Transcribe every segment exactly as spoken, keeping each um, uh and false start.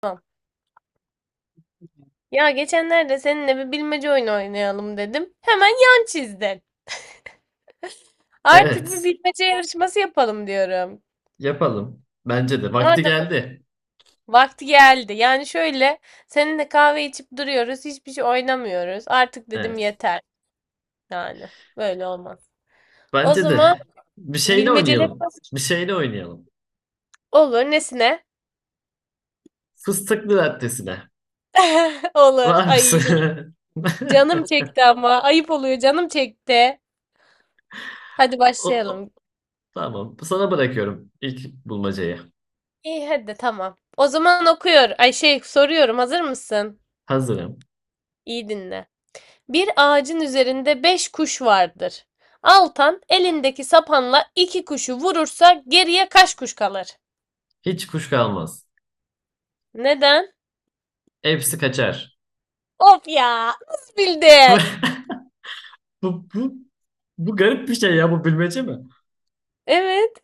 Tamam. Ya geçenlerde seninle bir bilmece oyunu oynayalım dedim. Hemen yan çizdin. Artık bir Evet, bilmece yarışması yapalım diyorum. yapalım. Bence de. Vakti Madem geldi. vakti geldi. Yani şöyle seninle kahve içip duruyoruz. Hiçbir şey oynamıyoruz. Artık dedim Evet. yeter. Yani böyle olmaz. O Bence de. zaman Bir şeyle bilmeceler oynayalım. nasıl Bir şeyle oynayalım. olur? Nesine? Fıstıklı lattesine. Olur. Var Ay yiyeceğim. mısın? Canım çekti ama. Ayıp oluyor. Canım çekti. Hadi O, o- başlayalım. Tamam. Sana bırakıyorum ilk bulmacayı. İyi hadi tamam. O zaman okuyor. Ay şey soruyorum. Hazır mısın? Hazırım. İyi dinle. Bir ağacın üzerinde beş kuş vardır. Altan elindeki sapanla iki kuşu vurursa geriye kaç kuş kalır? Hiç kuş kalmaz. Neden? Hepsi kaçar. Of ya, nasıl bildin? Bu, bu, bu garip bir şey ya. Bu bilmece mi? Evet,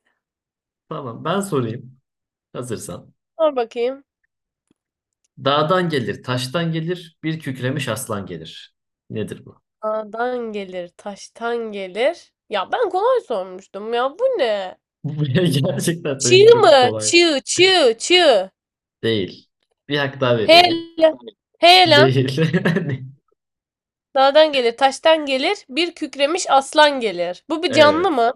Tamam. Ben sorayım. Hazırsan. sor bakayım. Dağdan gelir, taştan gelir, bir kükremiş aslan gelir. Nedir bu? Dağdan gelir, taştan gelir. Ya ben kolay sormuştum ya, bu ne? Bu gerçekten benimki Çığ mı? çok kolay. Çığ, çığ, çığ. Değil. Bir hak daha He veriyorum. lan, Değil. Dağdan gelir, taştan gelir, bir kükremiş aslan gelir. Bu bir canlı Evet. mı?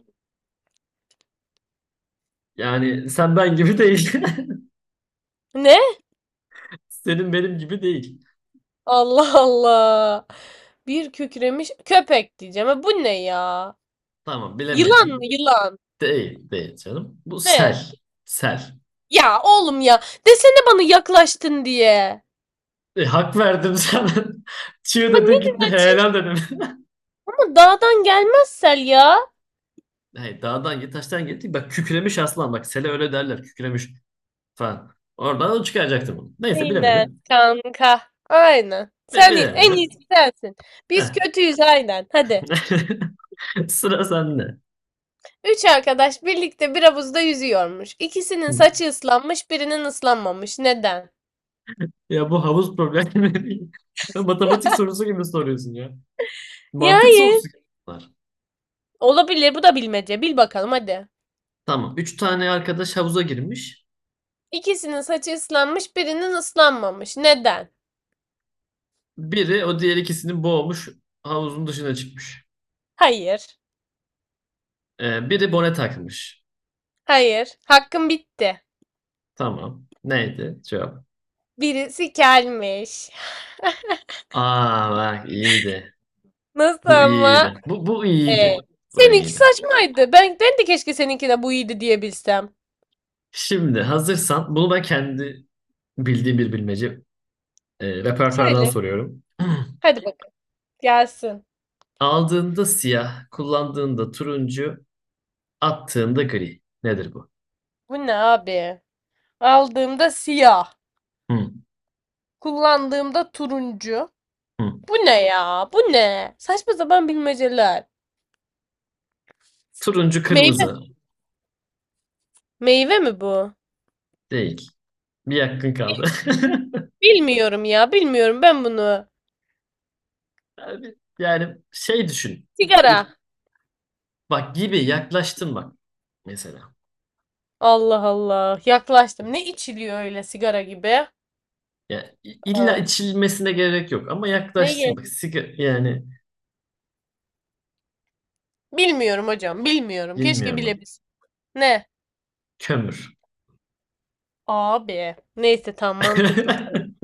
Yani sen ben gibi değil. Ne? Senin benim gibi değil. Allah Allah. Bir kükremiş köpek diyeceğim. Ha, bu ne ya? Tamam Yılan mı bilemedin. yılan? Değil. Değil canım. Bu Ne? sel. Sel. Ya oğlum ya. Desene bana yaklaştın diye. E, hak verdim sana. Çığ Bak ne dedin gitti. güzel Helal çizdin dedim. ama dağdan gelmez Sel ya. Hayır, dağdan git taştan gitti. Bak kükremiş aslan. Bak sele öyle derler. Kükremiş falan. Oradan çıkaracaktım bunu. Neyse Aynen bilemedin. kanka. Aynen. Bi- Sen en Bilemedin. iyisi sensin. Biz Heh. kötüyüz aynen. Hadi. Sıra sende. Üç arkadaş birlikte bir havuzda yüzüyormuş. İkisinin saçı ıslanmış, birinin ıslanmamış. Neden? Ya bu havuz problemi değil. Matematik sorusu gibi soruyorsun ya. Ya Mantık yani sorusu gibi bunlar. olabilir. Bu da bilmece. Bil bakalım hadi. Tamam. Üç tane arkadaş havuza girmiş. İkisinin saçı ıslanmış, birinin ıslanmamış. Neden? Biri o diğer ikisini boğmuş. Havuzun dışına çıkmış. Hayır. Ee, biri bone takmış. Hayır. Hakkım bitti. Tamam. Neydi cevap? Birisi gelmiş. Aa bak iyiydi. Nasıl Bu ama? iyiydi. Bu, bu Hey. iyiydi. Bu Seninki iyiydi. saçmaydı. Ben, ben de keşke seninki de bu iyiydi diyebilsem. Şimdi hazırsan bunu ben kendi bildiğim bir bilmece e, repertuardan Söyle. soruyorum. Hadi bakın. Gelsin. Aldığında siyah, kullandığında turuncu, attığında gri. Nedir bu? Bu ne abi? Aldığımda siyah. Hı, Kullandığımda turuncu. hı. Bu ne ya? Bu ne? Saçma sapan bilmeceler. Turuncu Meyve. kırmızı Meyve mi bu? değil. Bir yakın kaldı. Bilmiyorum ya. Bilmiyorum ben bunu. Abi, Yani şey düşün. Sigara. Bir bak gibi yaklaştın bak mesela. Allah Allah. Yaklaştım. Ne içiliyor öyle sigara gibi? Ya illa Aa, içilmesine gerek yok ama ne yaklaştın bak. yedik? Siga yani Bilmiyorum hocam. Bilmiyorum. Keşke bilmiyorum. bilebilsem. Ne? Kömür. Abi. Neyse tam mantıklı tamam.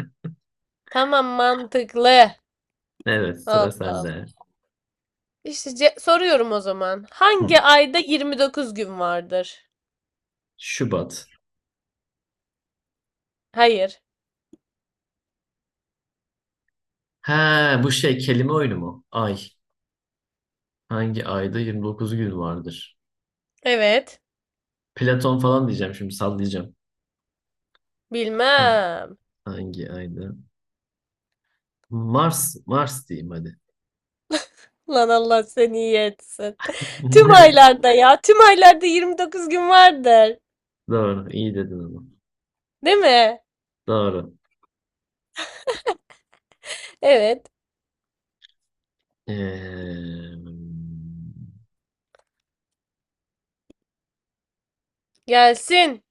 Tamam mantıklı. Evet sıra Allah Allah. sende. İşte ce- soruyorum o zaman. Hı. Hangi ayda yirmi dokuz gün vardır? Şubat. Hayır. Ha bu şey kelime oyunu mu? Ay. Hangi ayda yirmi dokuz gün vardır? Evet. Platon falan diyeceğim şimdi sallayacağım. Ha. Bilmem. Hangi ayda? Mars, Mars diyeyim hadi. Lan Allah seni iyi etsin. Tüm Ne? aylarda ya. Tüm aylarda yirmi dokuz gün vardır. Doğru, iyi dedin ama Değil mi? doğru. Evet. Ee, Gelsin.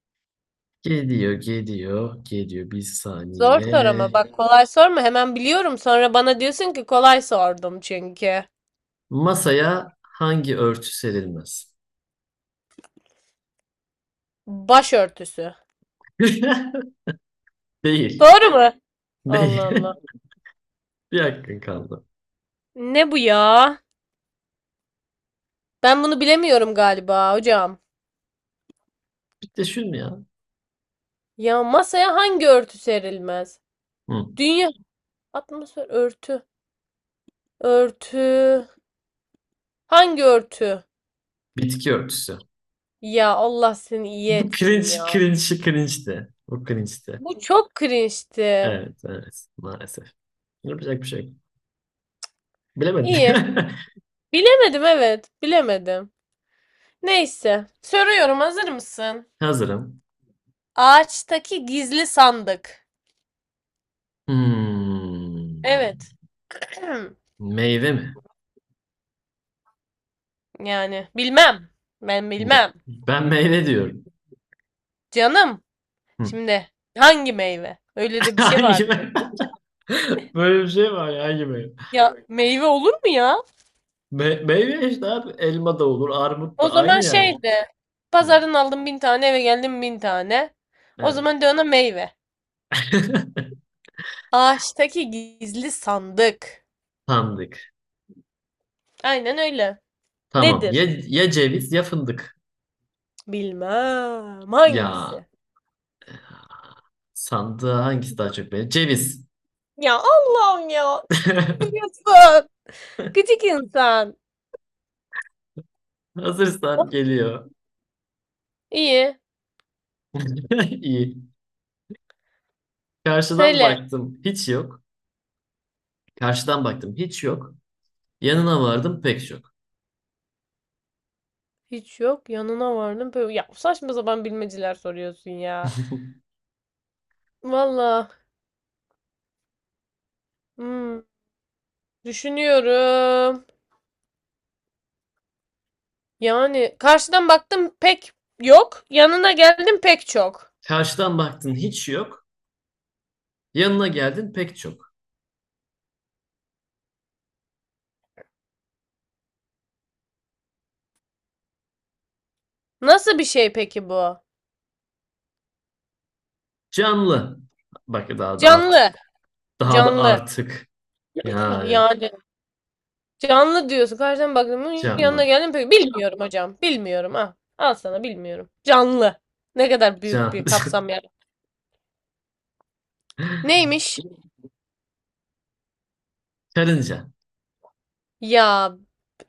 geliyor, geliyor, geliyor. Bir Zor Çok sor ama saniye. bak kolay sorma hemen biliyorum sonra bana diyorsun ki kolay sordum çünkü. Masaya hangi örtü serilmez? Başörtüsü. Değil, Doğru mu? Allah değil. Allah. Bir hakkın kaldı. Ne bu ya? Ben bunu bilemiyorum galiba hocam. Bir de şunu ya. Ya masaya hangi örtü serilmez? Hı, Dünya atmosfer örtü. Örtü. Hangi örtü? bitki örtüsü. Ya Allah seni iyi Bu etsin cringe, ya. cringe, cringe de bu cringe'ti. Bu çok cringe'ti. Evet, evet. Maalesef. Yapacak bir şey yok. Bilemedim. İyi. Bilemedim evet. Bilemedim. Neyse. Soruyorum hazır mısın? Hazırım. Ağaçtaki gizli sandık. Hmm. Evet. Meyve mi? Yani bilmem. Ben Me- bilmem. ben meyve diyorum. Canım. Hı. Şimdi hangi meyve? Öyle de bir şey Hangi vardı. meyve? Böyle bir şey var ya hangi meyve? Ya meyve olur mu ya? Me- meyve işte abi. Elma da olur, armut O da aynı zaman yani. şeydi. Hı. Pazardan aldım bin tane, eve geldim bin tane. O Evet. zaman de ona meyve. Ağaçtaki gizli sandık. Sandık. Aynen öyle. Tamam. Ya, Nedir? ya ceviz ya fındık. Bilmem. Ya Hangisi? sandığa hangisi daha çok beğenir? Ceviz. Ya Allah'ım ya. Biliyorsun. Gıcık insan. Oh, Hazırsan geliyor. İyi. İyi. Karşıdan Söyle. baktım hiç yok. Karşıdan baktım hiç yok. Yanına vardım pek çok. Hiç yok. Yanına vardım. Böyle, ya saçma sapan bilmeceler soruyorsun ya. Valla. hmm, düşünüyorum. Yani karşıdan baktım pek yok. Yanına geldim pek çok. Karşıdan baktın hiç yok. Yanına geldin pek çok. Nasıl bir şey peki bu? Canlı. Bak daha da artık. Canlı. Daha da Canlı. artık. Yani Yani canlı diyorsun. Karşıdan baktım hmm, yanına canlı. geldim pek. Bilmiyorum hocam. Bilmiyorum. Ah, al sana bilmiyorum. Canlı. Ne kadar büyük bir Can. kapsam yani. Neymiş? Karınca. Ya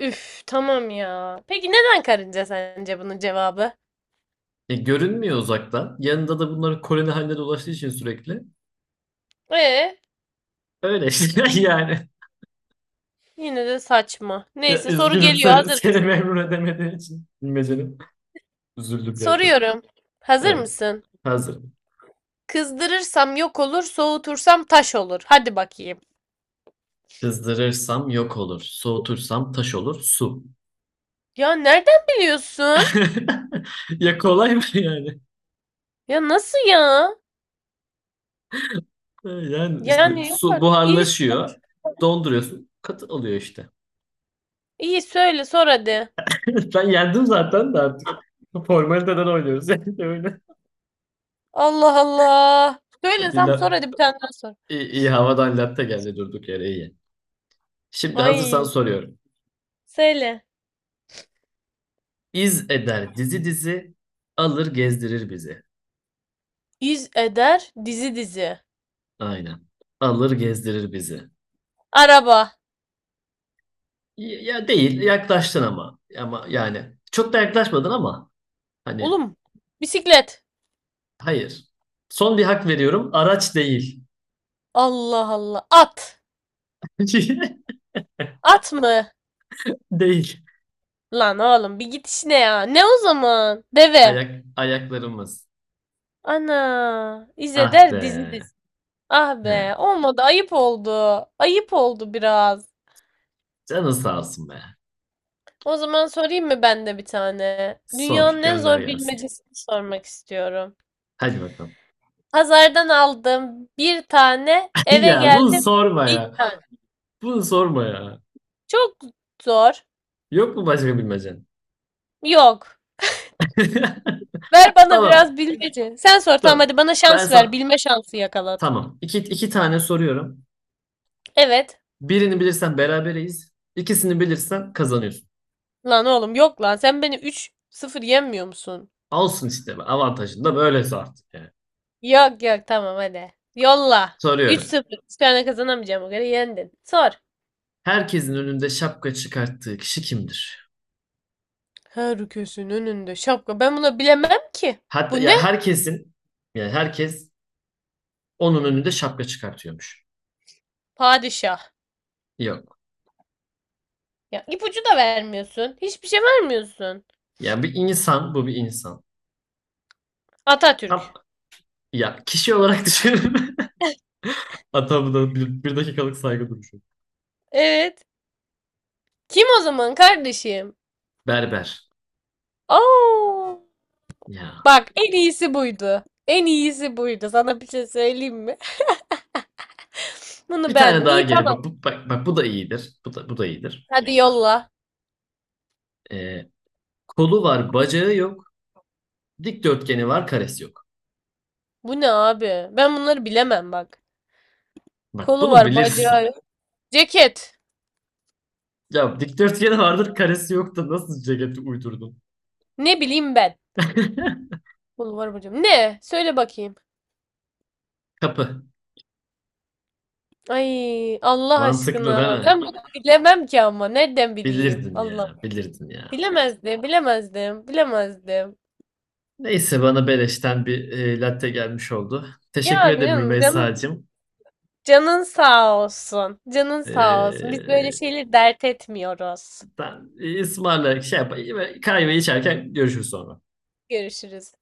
üf tamam ya. Peki neden karınca sence bunun cevabı? E, görünmüyor uzaktan. Yanında da bunların koloni halinde dolaştığı için sürekli. Ee Öyle işte yani. yine de saçma. Ya, Neyse soru üzgünüm geliyor seni, hazır seni mısın? memnun edemediğim için. Bilmecenin. Üzüldüm gerçekten. Soruyorum. Hazır Evet. mısın? Hazır. Kızdırırsam yok olur, soğutursam taş olur. Hadi bakayım. Kızdırırsam yok olur. Soğutursam taş olur. Su. Ya nereden biliyorsun? Ya kolay mı yani? Ya nasıl ya? Yani işte Yani yok su artık. İyi, buharlaşıyor. Donduruyorsun. Katı oluyor işte. iyi söyle sor hadi. Ben yendim zaten de artık. Formaliteden oynuyoruz yani öyle. Allah Allah. Bir Söylesem sor la- hadi bir tane daha sor. iyi, iyi havadan latte geldi durduk yere iyi. Şimdi hazırsan Ay soruyorum. söyle. İz eder dizi dizi, alır gezdirir bizi. İz eder dizi dizi. Aynen. Alır gezdirir bizi. Araba. Ya ya değil, yaklaştın ama. Ama yani çok da yaklaşmadın ama hani. Oğlum bisiklet. Hayır. Son bir hak veriyorum. Araç değil. Allah Allah. At. At mı? Değil. Lan oğlum bir git işine ya. Ne o zaman? Deve. Ayak, ayaklarımız. Ana. Ah be. İzeder dizi dizi. Ah be. He. Olmadı. Ayıp oldu. Ayıp oldu biraz. Canın sağ olsun be. O zaman sorayım mı ben de bir tane? Sor, Dünyanın en gönder zor gelsin. bilmecesini sormak istiyorum. Hadi bakalım. Pazardan aldım bir tane. Eve Ya bunu geldim sorma bir ya. tane. Bunu sorma ya. Çok zor. Yok mu başka bilmecen? Yok. Ver bana Tamam. biraz bilmece. Sen sor tamam Tamam. hadi bana Ben şans ver. sana... Bilme şansı yakalat. Tamam. İki, iki tane soruyorum. Evet. Birini bilirsen berabereyiz. İkisini bilirsen kazanıyorsun. Lan oğlum yok lan. Sen beni üç sıfır yenmiyor musun? Olsun işte. Avantajın da böylesi artık yani. Yok yok tamam hadi. Yolla. Üç Soruyorum. sıfır. Bir tane kazanamayacağım o kadar yendin. Sor. Herkesin önünde şapka çıkarttığı kişi kimdir? Her köşenin önünde şapka. Ben bunu bilemem ki. Hatta Bu ne? ya herkesin yani herkes Onun önünde şapka çıkartıyormuş. Padişah. Yok. Ya ipucu da vermiyorsun. Hiçbir şey vermiyorsun. Yani bir insan bu bir insan. Ama- Atatürk. Ya kişi olarak düşünün. Hatta da bir, bir dakikalık saygı duruşu. Evet. Kim o zaman kardeşim? Berber. Oo. Ya. Bak en iyisi buydu. En iyisi buydu. Sana bir şey söyleyeyim mi? Bunu Bir tane beğendim. daha İyi gelin. tamam. Bak, bu, bak, bak bu da iyidir. Bu da, bu da iyidir. Hadi yolla. Ee, kolu var, bacağı yok. Dikdörtgeni var, karesi yok. Bu ne abi? Ben bunları bilemem bak. Bak Kolu bunu var, bacağı bilirsin. yok. Ceket. Ya dikdörtgeni vardır, karesi yok da nasıl ceketi uydurdun? Ne bileyim ben. Kolu var, bacağı yok. Ne? Söyle bakayım. Kapı. Ay Allah Mantıklı değil aşkına. mi? Ben bunu bilemem ki ama. Nereden bileyim? Bilirdin Allah. ya, bilirdin ya. Bilemezdim, bilemezdim, bilemezdim. Neyse bana beleşten bir e, latte gelmiş oldu. Teşekkür Ya ederim canım, canım, Rümeysa'cığım. canın sağ olsun. Canın sağ olsun. E, Biz böyle şeyleri dert etmiyoruz. ben e, ısmarla şey yap, kahve içerken görüşürüz sonra. Görüşürüz.